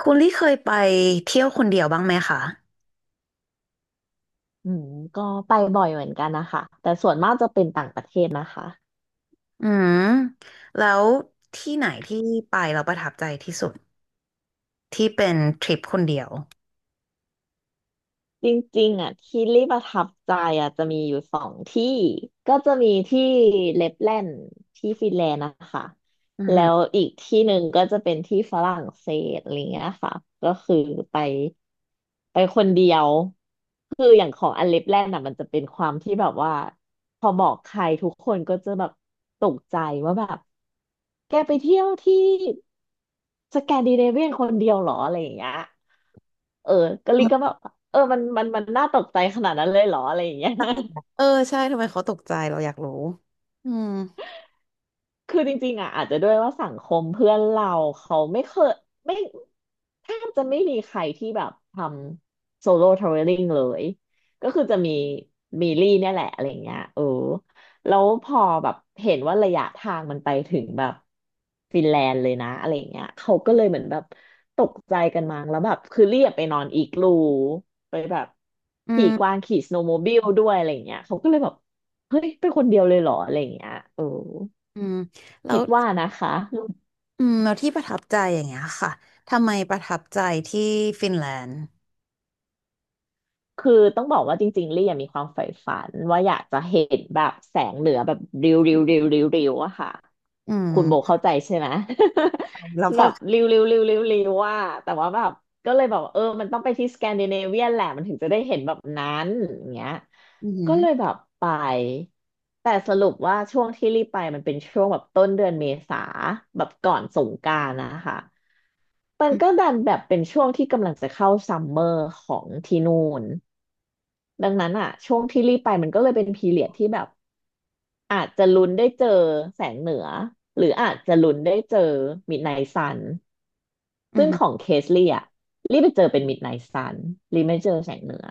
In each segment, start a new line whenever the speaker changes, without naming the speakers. คุณลี่เคยไปเที่ยวคนเดียวบ้างไหมคะ
อืมก็ไปบ่อยเหมือนกันนะคะแต่ส่วนมากจะเป็นต่างประเทศนะคะ
อืมแล้วที่ไหนที่ไปเราประทับใจที่สุดที่เป็นทริปคนเดียว
จริงๆอ่ะที่ลี่ประทับใจอ่ะจะมีอยู่สองที่ก็จะมีที่เลปแลนด์ที่ฟินแลนด์นะคะ
อือ
แล้
หือ
วอีกที่หนึ่งก็จะเป็นที่ฝรั่งเศสอะไรเงี้ยค่ะก็คือไปไปคนเดียวคืออย่างของอันเลปแลนด์อ่ะมันจะเป็นความที่แบบว่าพอบอกใครทุกคนก็จะแบบตกใจว่าแบบแกไปเที่ยวที่สแกนดิเนเวียนคนเดียวเหรออะไรอย่างเงี้ย เออกะลิก็แบบเออมันน่าตกใจขนาดนั้นเลยเหรออะไรอย่างเงี้ย
เออใช่ทำไมเขาตกใจเราอยากรู้อืม
คือจริงๆอ่ะอาจจะด้วยว่าสังคมเพื่อนเราเขาไม่เคยไม่แทบจะไม่มีใครที่แบบทำโซโล่ทราเวลลิ่งเลยก็คือจะมีลี่เนี่ยแหละอะไรเงี้ยเออแล้วพอแบบเห็นว่าระยะทางมันไปถึงแบบฟินแลนด์เลยนะอะไรเงี้ยเขาก็เลยเหมือนแบบตกใจกันมั้งแล้วแบบคือเรียบไปนอนอีกลูไปแบบ
อื
ขี่กวาง
ม
ขี่สโนว์โมบิลด้วยอะไรเงี้ยเขาก็เลยแบบเฮ้ยเป็นคนเดียวเลยเหรออะไรอย่างเงี้ยเออ
อืมแล้
คิ
ว
ดว่านะคะ
อืมแล้วที่ประทับใจอย่างเงี้ยค่ะทำไมประทับใจที่ฟินแลนด์
คือต้องบอกว่าจริงๆลี่ยังมีความใฝ่ฝันว่าอยากจะเห็นแบบแสงเหนือแบบริ้วริ้วริ้วริ้วริ้วอะค่ะ
อื
คุณโบ
ม
เข้าใจใช่ไหม
แล้ว พ
แบ
อ
บริ้วริ้วริ้วริ้วริ้วว่าแต่ว่าแบบก็เลยบอกว่าเออมันต้องไปที่สแกนดิเนเวียนแหละมันถึงจะได้เห็นแบบนั้นอย่างเงี้ย
อื
ก็
ม
เลยแบบไปแต่สรุปว่าช่วงที่รีบไปมันเป็นช่วงแบบต้นเดือนเมษาแบบก่อนสงกรานต์นะคะ มั
อ
น
หื
ก็
ม
ดันแบบเป็นช่วงที่กำลังจะเข้าซัมเมอร์ของที่นู่นดังนั้นอ่ะช่วงที่รีบไปมันก็เลยเป็นพีเรียดที่แบบอาจจะลุ้นได้เจอแสงเหนือหรืออาจจะลุ้นได้เจอมิดไนท์ซัน
ออืมอ
ซึ่ง
หืม
ของเคสลี่อ่ะรีบไปเจอเป็นมิดไนท์ซันรีบไม่เจอแสงเหนือ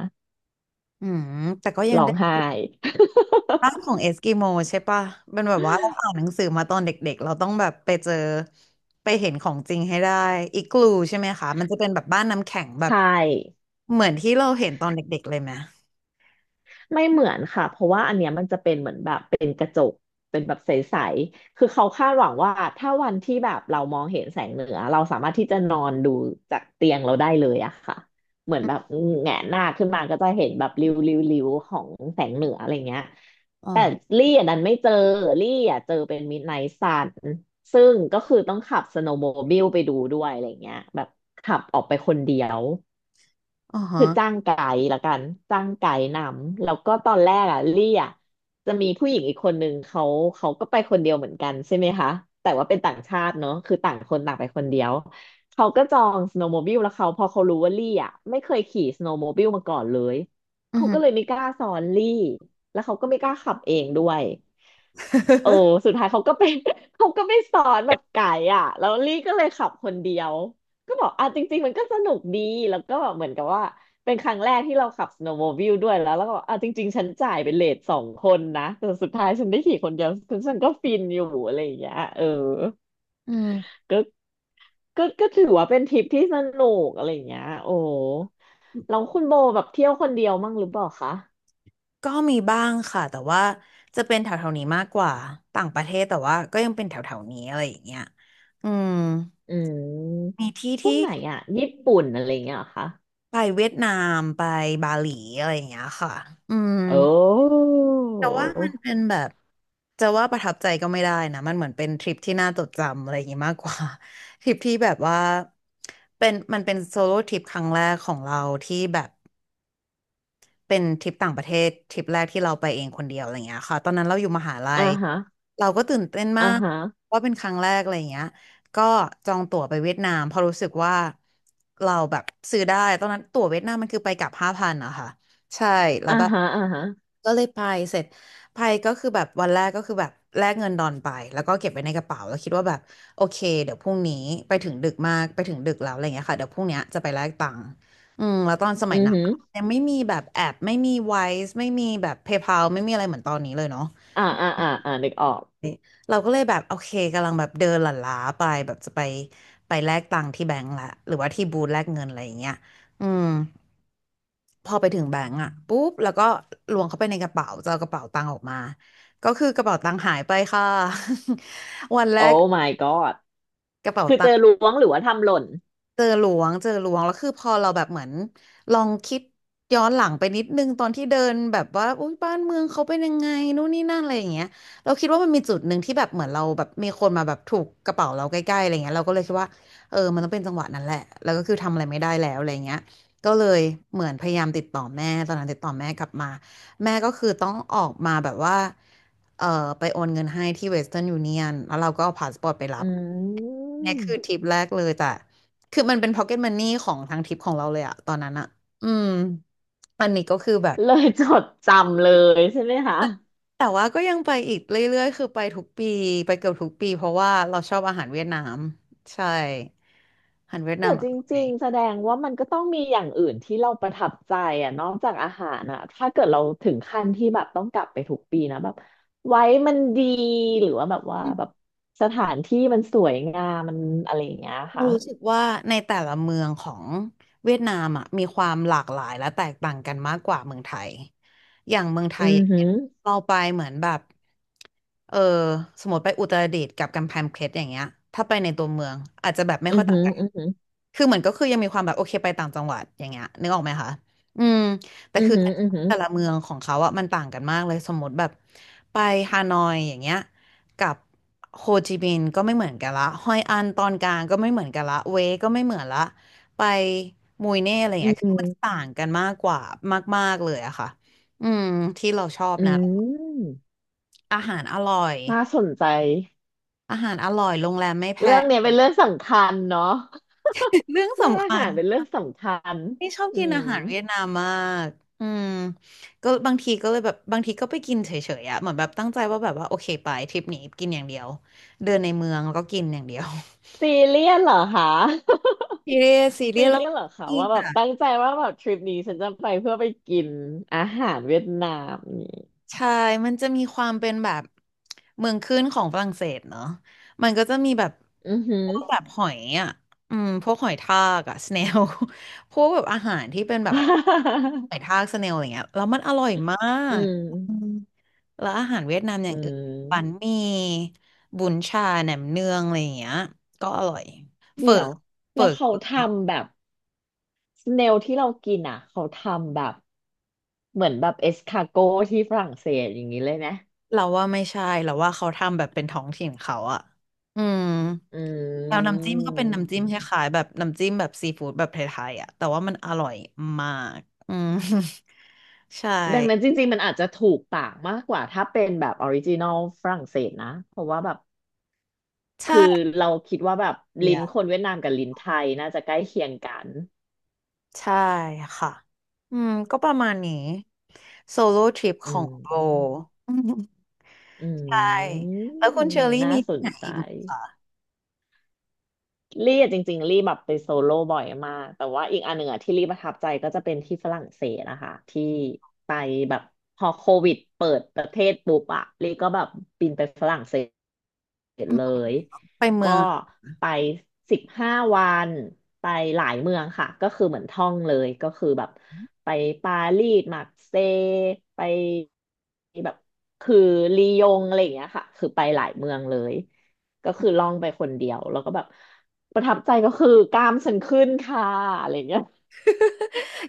อืมแต่ก็ยัง
ร้อง
ได้
ไห้
ร่างของเอสกิโมใช่ปะเป็นแบบว่าเราอ่านหนังสือมาตอนเด็กๆเราต้องแบบไปเจอไปเห็นของจริงให้ได้อิกลูใช่ไหมคะ มันจะเป็นแบบบ้านน้ำแข็ง แบบ
ใช่
เหมือนที่เราเห็นตอนเด็กๆ เลยไหม
ไม่เหมือนค่ะเพราะว่าอันเนี้ยมันจะเป็นเหมือนแบบเป็นกระจกเป็นแบบใสๆคือเขาคาดหวังว่าถ้าวันที่แบบเรามองเห็นแสงเหนือเราสามารถที่จะนอนดูจากเตียงเราได้เลยอะค่ะเหมือน
อื
แบ
ม
บแงนหน้าขึ้นมาก็จะเห็นแบบริ้วริ้วริ้วของแสงเหนืออะไรเงี้ย
อ๋อ
แต่ลี่อันนั้นไม่เจอลี่อ่ะเจอเป็นมิดไนท์ซันซึ่งก็คือต้องขับสโนว์โมบิลไปดูด้วยอะไรเงี้ยแบบขับออกไปคนเดียว
อ๋อฮะ
คือจ้างไกด์ละกันจ้างไกด์นำแล้วก็ตอนแรกอ่ะลี่อ่ะจะมีผู้หญิงอีกคนนึงเขาเขาก็ไปคนเดียวเหมือนกันใช่ไหมคะแต่ว่าเป็นต่างชาติเนอะคือต่างคนต่างไปคนเดียวเขาก็จองสโนว์โมบิลแล้วเขาพอเขารู้ว่าลี่อ่ะไม่เคยขี่สโนว์โมบิลมาก่อนเลย
อือ
เขา
ฮึ
ก็เลยไม่กล้าสอนลี่แล้วเขาก็ไม่กล้าขับเองด้วย เออสุด ท้ายเขาก็ไป เขาก็ไปสอนแบบไก่อ่ะแล้วลี่ก็เลยขับคนเดียวก็บอกอ่ะจริงๆมันก็สนุกดีแล้วก็แบบเหมือนกับว่าเป็นครั้งแรกที่เราขับ snowmobile ด้วยแล้วก็บอกอ่ะจริงๆฉันจ่ายเป็นเลทสองคนนะแต่สุดท้ายฉันได้ขี่คนเดียวฉันก็ฟินอยู่อะไรอย่างเงี้ยเออ
อืม
ก็ก็ถือว่าเป็นทริปที่สนุกอะไรอย่างเงี้ยโอ้แล้วคุณโบแบบเที่ยวคนเดียวมั่งหรือเปล่าคะ
ก็มีบ้างค่ะแต่ว่าจะเป็นแถวๆนี้มากกว่าต่างประเทศแต่ว่าก็ยังเป็นแถวๆนี้อะไรอย่างเงี้ยอืม
อืม
มีที่
พวก
ที่
ไหนอ่ะญี่ปุ่นอะไรอย่างเงี้ยเหรอคะ
ไปเวียดนามไปบาหลีอะไรอย่างเงี้ยค่ะอืม
โอ้
แต่ว่ามันเป็นแบบจะว่าประทับใจก็ไม่ได้นะมันเหมือนเป็นทริปที่น่าจดจำอะไรอย่างงี้มากกว่า ทริปที่แบบว่าเป็นมันเป็นโซโล่ทริปครั้งแรกของเราที่แบบ เป็นทริปต่างประเทศทริปแรกที่เราไปเองคนเดียวอะไรเงี้ยค่ะตอนนั้นเราอยู่มหาลั
อ่า
ย
ฮะ
เราก็ตื่นเต้นมา
อ่า
ก
ฮะ
ว่าเป็นครั้งแรกอะไรเงี้ยก็จองตั๋วไปเวียดนามเพราะรู้สึกว่าเราแบบซื้อได้ตอนนั้นตั๋วเวียดนามมันคือไปกลับห้าพันอะค่ะใช่แล้ว
อ่า
แบบ
ฮะอ่าฮะ
ก็เลยไปเสร็จไปก็คือแบบวันแรกก็คือแบบแลกเงินดอนไปแล้วก็เก็บไว้ในกระเป๋าแล้วคิดว่าแบบโอเคเดี๋ยวพรุ่งนี้ไปถึงดึกมากไปถึงดึกแล้วอะไรเงี้ยค่ะเดี๋ยวพรุ่งเนี้ยจะไปแลกตังค์อืมแล้วตอนสมั
อื
ย
อ
นั้น
หือ
ยังไม่มีแบบแอปไม่มีไวซ์ไม่มีแบบ PayPal ไม่มีอะไรเหมือนตอนนี้เลยเนาะ
อ่านึกออก
เราก็เลยแบบโอเคกำลังแบบเดินหลั่นล้าไปแบบจะไปไปแลกตังค์ที่แบงก์ละหรือว่าที่บูธแลกเงินอะไรอย่างเงี้ยอืมพอไปถึงแบงก์อ่ะปุ๊บแล้วก็ล้วงเข้าไปในกระเป๋าจะเอากระเป๋าตังค์ออกมาก็คือกระเป๋าตังค์หายไปค่ะ วันแร
โอ้
ก
my god
กระเป๋า
คือเจ
ตั
อ
งค์
ล้วงหรือว่าทำหล่น
เจอหลวงเจอหลวงแล้วคือพอเราแบบเหมือนลองคิดย้อนหลังไปนิดนึงตอนที่เดินแบบว่าอุ้ยบ้านเมืองเขาเป็นยังไงนู่นนี่นั่นอะไรอย่างเงี้ยเราคิดว่ามันมีจุดหนึ่งที่แบบเหมือนเราแบบมีคนมาแบบถูกกระเป๋าเราใกล้ๆอะไรเงี้ยเราก็เลยคิดว่าเออมันต้องเป็นจังหวะนั้นแหละแล้วก็คือทำอะไรไม่ได้แล้วอะไรเงี้ยก็เลยเหมือนพยายามติดต่อแม่ตอนนั้นติดต่อแม่กลับมาแม่ก็คือต้องออกมาแบบว่าเออไปโอนเงินให้ที่เวสเทิร์นยูเนียนแล้วเราก็เอาพาสปอร์ตไปรั
อ
บ
ื
เนี่ยคื
ม
อทริปแรกเลยแต่คือมันเป็นพ็อกเก็ตมันนี่ของทางทริปของเราเลยอะตอนนั้นอะอืม อันนี้ก็คือแบบ
เลยจดจำเลยใช่ไหมคะ
แต่ว่าก็ยังไปอีกเรื่อยๆคือไปทุกปีไปเกือบทุกปีเพราะว่าเราชอบอาหารเวียดนามใช่ อาหารเวียด
แต่
นามอ
จ
ร่อ
ริ
ย
งๆแสดงว่ามันก็ต้องมีอย่างอื่นที่เราประทับใจอ่ะนอกจากอาหารอ่ะถ้าเกิดเราถึงขั้นที่แบบต้องกลับไปทุกปีนะแบบไว้มันดีหรือว่าแบบว่าแบบสถานที่มันสวยงามมันอะไรอย่างเงี้ย
เรา
ค่ะ
รู้สึกว่าในแต่ละเมืองของเวียดนามอ่ะมีความหลากหลายและแตกต่างกันมากกว่าเมืองไทยอย่างเมืองไท
อื
ยอ
อ
ย่าง
หื
เงี้ย
อ
เราไปเหมือนแบบเออสมมติไปอุตรดิตถ์กับกำแพงเพชรอย่างเงี้ยถ้าไปในตัวเมืองอาจจะแบบไม่
อื
ค่
อ
อยต่า
หื
ง
อ
กัน
อือหือ
คือเหมือนก็คือยังมีความแบบโอเคไปต่างจังหวัดอย่างเงี้ยนึกออกไหมคะอืมแต่
อือ
คือ
หืออือหือ
แต่ละเมืองของเขาอะมันต่างกันมากเลยสมมติแบบไปฮานอยอย่างเงี้ย กับโฮจิมินห์ก็ไม่เหมือนกันละฮอยอันตอนกลางก็ไม่เหมือนกันละเวก็ไม่เหมือนละไปมุยเน่อะไรอย่าง
อื
เงี้ยคือมัน
ม
ต่างกันมากกว่ามากๆเลยอะค่ะอืมที่เราชอบ
อื
นะ
ม
อาหารอร่อย
น่าสนใจ
อาหารอร่อยโรงแรมไม่แพ
เรื่อง
ง
เนี้ย เป็นเรื่องสำคัญเนาะ
เรื่อง
เรื่อง
สำ
อา
คั
หา
ญ
รเป็นเรื่องสำคัญ
นี่ชอบกิ
อื
นอา
ม
หารเวียดนามมากอืมก็บางทีก็เลยแบบบางทีก็ไปกินเฉยๆอะเหมือนแบบตั้งใจว่าแบบว่าโอเคไปทริปนี้กินอย่างเดียวเดินในเมืองแล้วก็กินอย่างเดียว
ซีเรียสเหรอคะ
ซีเรียสซี เรีย
ซี
สแล้ว
เรียสเหรอคะ
กิน
ว่าแบบ
อะ
ตั้งใจว่าแบบทริปนี้ฉันจะไปเพื่อไปกินอาหารเวียดนามนี่
ใช่มันจะมีความเป็นแบบเมืองขึ้นของฝรั่งเศสเนอะมันก็จะมีแบบ
อือหื
พ
อ
วกแบบหอยอ่ะอืมพวกหอยทากอ่ะสเนล พวกแบบอาหารที่เป็นแบบห อยทากสเนลอะไรเงี้ยแล้วมันอร่อยมา
อื
ก
ม
อืมแล้วอาหารเวียดนามอ
อื
ย่างอื่นบัน
ม
หมี่บุนชาแหนมเนืองอะไรอย่างเงี้ยก็อร่อยเฝอ
เดี๋ยว
เฝ
แล้วเขา
อ
ทำแบบ เนลที่เรากินอ่ะเขาทำแบบเหมือนแบบเอสคาโกที่ฝรั่งเศสอย่างนี้เลยนะ
เราว่าไม่ใช่เราว่าเขาทำแบบเป็นท้องถิ่นเขาอ่ะอืม
อื
แล้วน้ำจิ้มก็เป็นน้ำจิ้มค
ม
ล้ายๆแบบน้ำจิ้มแบบซีฟู้ดแบบไทยๆอ่ะแต่ว่ามันอร่อยมากอืม ใช่
ดังนั้นจริงๆมันอาจจะถูกปากมากกว่าถ้าเป็นแบบออริจินอลฝรั่งเศสนะเพราะว่าแบบคือ
ใช่
เราคิดว่าแบบลิ้น
อ่ะ
คนเวียดนามกับลิ้นไทยน่าจะใกล้เคียงกัน
ใช่ค่ะอืมก็ประมาณนี้โซโล่ทริป
อื
ของโบ
ม
อืม
อื
ใช่
ม
แล้วคุณเชอรี่
น่า
มี
ส
ที่
น
ไหน
ใจ
อีกไหมคะ
ลี่อะจริงๆลี่แบบไปโซโล่บ่อยมากแต่ว่าอีกอันหนึ่งอะที่ลี่ประทับใจก็จะเป็นที่ฝรั่งเศสนะคะที่ไปแบบพอโควิดเปิดประเทศปุ๊บอะลี่ก็แบบบินไปฝรั่งเศ เสร็จ
อืม
เลย
ไปเมื
ก็
อง
ไป15 วันไปหลายเมืองค่ะก็คือเหมือนท่องเลยก็คือแบบไปปารีสมาร์กเซย์ไปแบบคือลียงอะไรอย่างเงี้ยค่ะคือไปหลายเมืองเลยก็คือล่องไปคนเดียวแล้วก็แบบประทับใจก็คือกล้ามฉันขึ้นค่ะอะไรอย่างเงี้ย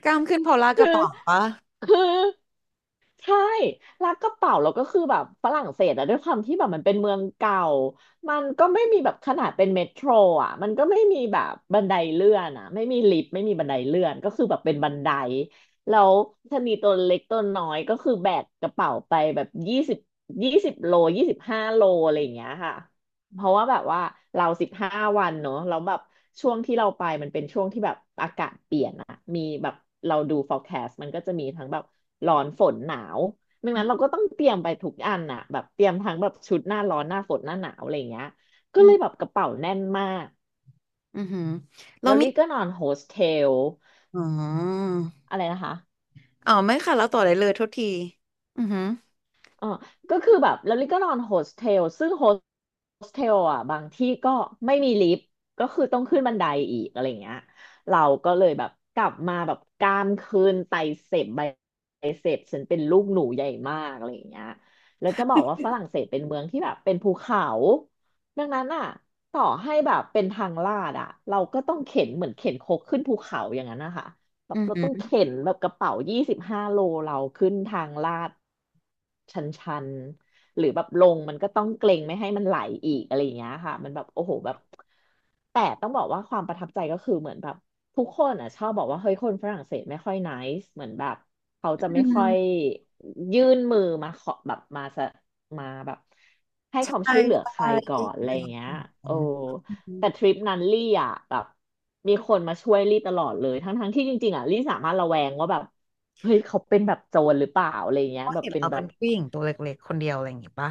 กล้ามขึ้นพอลลาก
คือ
ระเป๋าปะ
คือ ใช่ร้านกระเป๋าเราก็คือแบบฝรั่งเศสอะด้วยความที่แบบมันเป็นเมืองเก่า มันก็ไม่มีแบบขนาดเป็นเมโทรอะมันก็ไม่มีแบบบันไดเลื่อนอะไม่มีลิฟต์ไม่มีบันไดเลื่อนก็คือแบบเป็นบันไดแล้วชะนีตัวเล็กตัวน้อยก็คือแบกกระเป๋าไปแบบยี่สิบ20 โลยี่สิบห้าโลอะไรอย่างเงี้ยค่ะ เพราะว่าแบบว่าเรา15 วันเนอะเราแล้วแบบช่วงที่เราไปมันเป็นช่วงที่แบบอากาศเปลี่ยนอะมีแบบเราดู forecast มันก็จะมีทั้งแบบร้อนฝนหนาวดัง
อื
นั้นเรา
ม
ก็ต้องเตรียมไปทุกอันอะแบบเตรียมทั้งแบบชุดหน้าร้อนหน้าฝนหน้าหนาวอะไรอย่างเงี้ยก็
อื
เลยแบ
ม
บกระเป๋าแน่นมาก
อือหือเรา
แล้ว
มี
ลี่ก็นอนโฮสเทล
อ๋อ
อะไรนะคะ
ไม่ค่ะแล้วต่อได้เลยโทษทีอือหือ
เออก็คือแบบแล้วลิก็นอนโฮสเทลซึ่งโฮสเทลอ่ะบางที่ก็ไม่มีลิฟต์ก็คือต้องขึ้นบันไดอีกอะไรเงี้ยเราก็เลยแบบกลับมาแบบกรามคืนไตเสพไบไบเสพฉันเป็นลูกหนูใหญ่มากอะไรเงี้ยแล้วจะบอกว่าฝรั่งเศสเป็นเมืองที่แบบเป็นภูเขาดังนั้นอ่ะต่อให้แบบเป็นทางลาดอ่ะเราก็ต้องเข็นเหมือนเข็นครกขึ้นภูเขาอย่างนั้นนะคะ แบ
อื
บ
อ
เรา
หื
ต้อง
อ
เข็นแบบกระเป๋า25 โลเราขึ้นทางลาดชันชันหรือแบบลงมันก็ต้องเกรงไม่ให้มันไหลอีกอะไรอย่างเงี้ยค่ะมันแบบโอ้โหแบบแต่ต้องบอกว่าความประทับใจก็คือเหมือนแบบทุกคนอ่ะชอบบอกว่าเฮ้ยคนฝรั่งเศสไม่ค่อย nice เหมือนแบบเขา
อ
จะไม่
ื
ค่อย
ม
ยื่นมือมาขอแบบมาแบบให้
ใช
ความ
่
ช่วยเหลือ
ใช่
ใครก่อ
ได้
น
ยิ
อะไร
น้
อ
อ
ย่า
ย่า
ง
ง
เงี้ย
นก
โอ้
นอือฮึ
แต่ทริปนั้นลี่อ่ะแบบมีคนมาช่วยลี่ตลอดเลยทั้งที่จริงๆอ่ะลี่สามารถระแวงว่าแบบเฮ้ยเขาเป็นแบบโจรหรือเปล่าอะไรเงี้ย
ก็
แบบ
เห็น
เป็น
เรา
แบ
เป็
บ
นผู้หญิงตัวเล็กๆคนเดียวอะไรอย่างงี้ปะ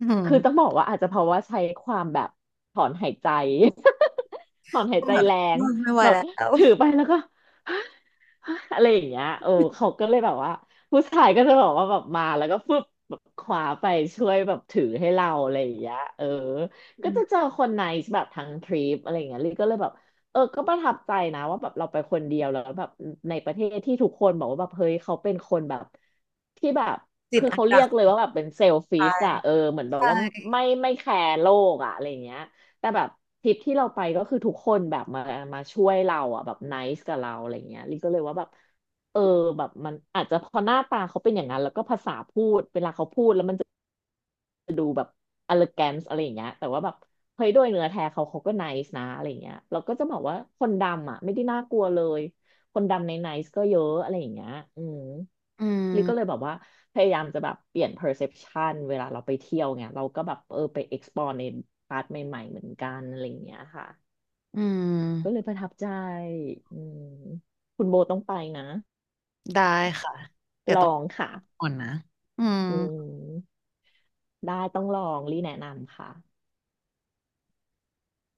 อืม
คือต้องบอกว่าอาจจะเพราะว่าใช้ความแบบถอนหายใจ ถอนหาย
ก็
ใจ
แบบ
แร
อื
ง
มไม่ไหว
แบบ
แล้ว
ถือไปแล้วก็ อะไรอย่างเงี้ยโอ้เขาก็เลยแบบว่าผู้ชายก็จะบอกว่าแบบมาแล้วก็ฟึบแบบคว้าไปช่วยแบบถือให้เราอะไรอย่างเงี้ยเออ
อื
ก็
ม
จะเจอคนไนซ์แบบทั้งทริปอะไรอย่างเงี้ยลิก็เลยแบบ เออก็ประทับใจนะว่าแบบเราไปคนเดียวแล้วแบบในประเทศที่ทุกคนบอกว่าแบบเฮ้ยเขาเป็นคนแบบที่แบบ
จิต
คือ
อัน
เขา
ต
เรี
รา
ยกเลย
ย
ว่าแบบเป็นเซลฟิชอะเออเหมือนแบบว่าไม่แคร์โลกอะอะไรเงี้ยแต่แบบทริปที่เราไปก็คือทุกคนแบบมาช่วยเราอะแบบไนซ์กับเราอะไรเงี้ยลิก็เลยว่าแบบเออแบบมันอาจจะเพอหน้าตาเขาเป็นอย่างนั้นแล้วก็ภาษาพูดเวลาเขาพูดแล้วมัน elegance อะไรอย่างเงี้ยแต่ว่าแบบเฮ้ยโดยเนื้อแท้เขาก็ nice นะอะไรอย่างเงี้ยเราก็จะบอกว่าคนดำอ่ะไม่ได้น่ากลัวเลยคนดำใน nice ก็เยอะอะไรอย่างเงี้ยอืม
อื
ลิก็เลยแบ
ม
บว่าพยายามจะแบบเปลี่ยน perception เวลาเราไปเที่ยวไงเราก็แบบเออไป explore ในพาร์ทใหม่ๆเหมือนกันอะไรอย่างเงี้ยค่ะ
อื
ก็เลย
ม
ประทับใจอืมคุณโบต้องไปนะ
ได้ค่ะ เดี๋ย
ล
ว
อ
ต้อง
งค่ะ
ก่อนนะอืม
อืมได้ต้องลองรีแนะนำค่ะ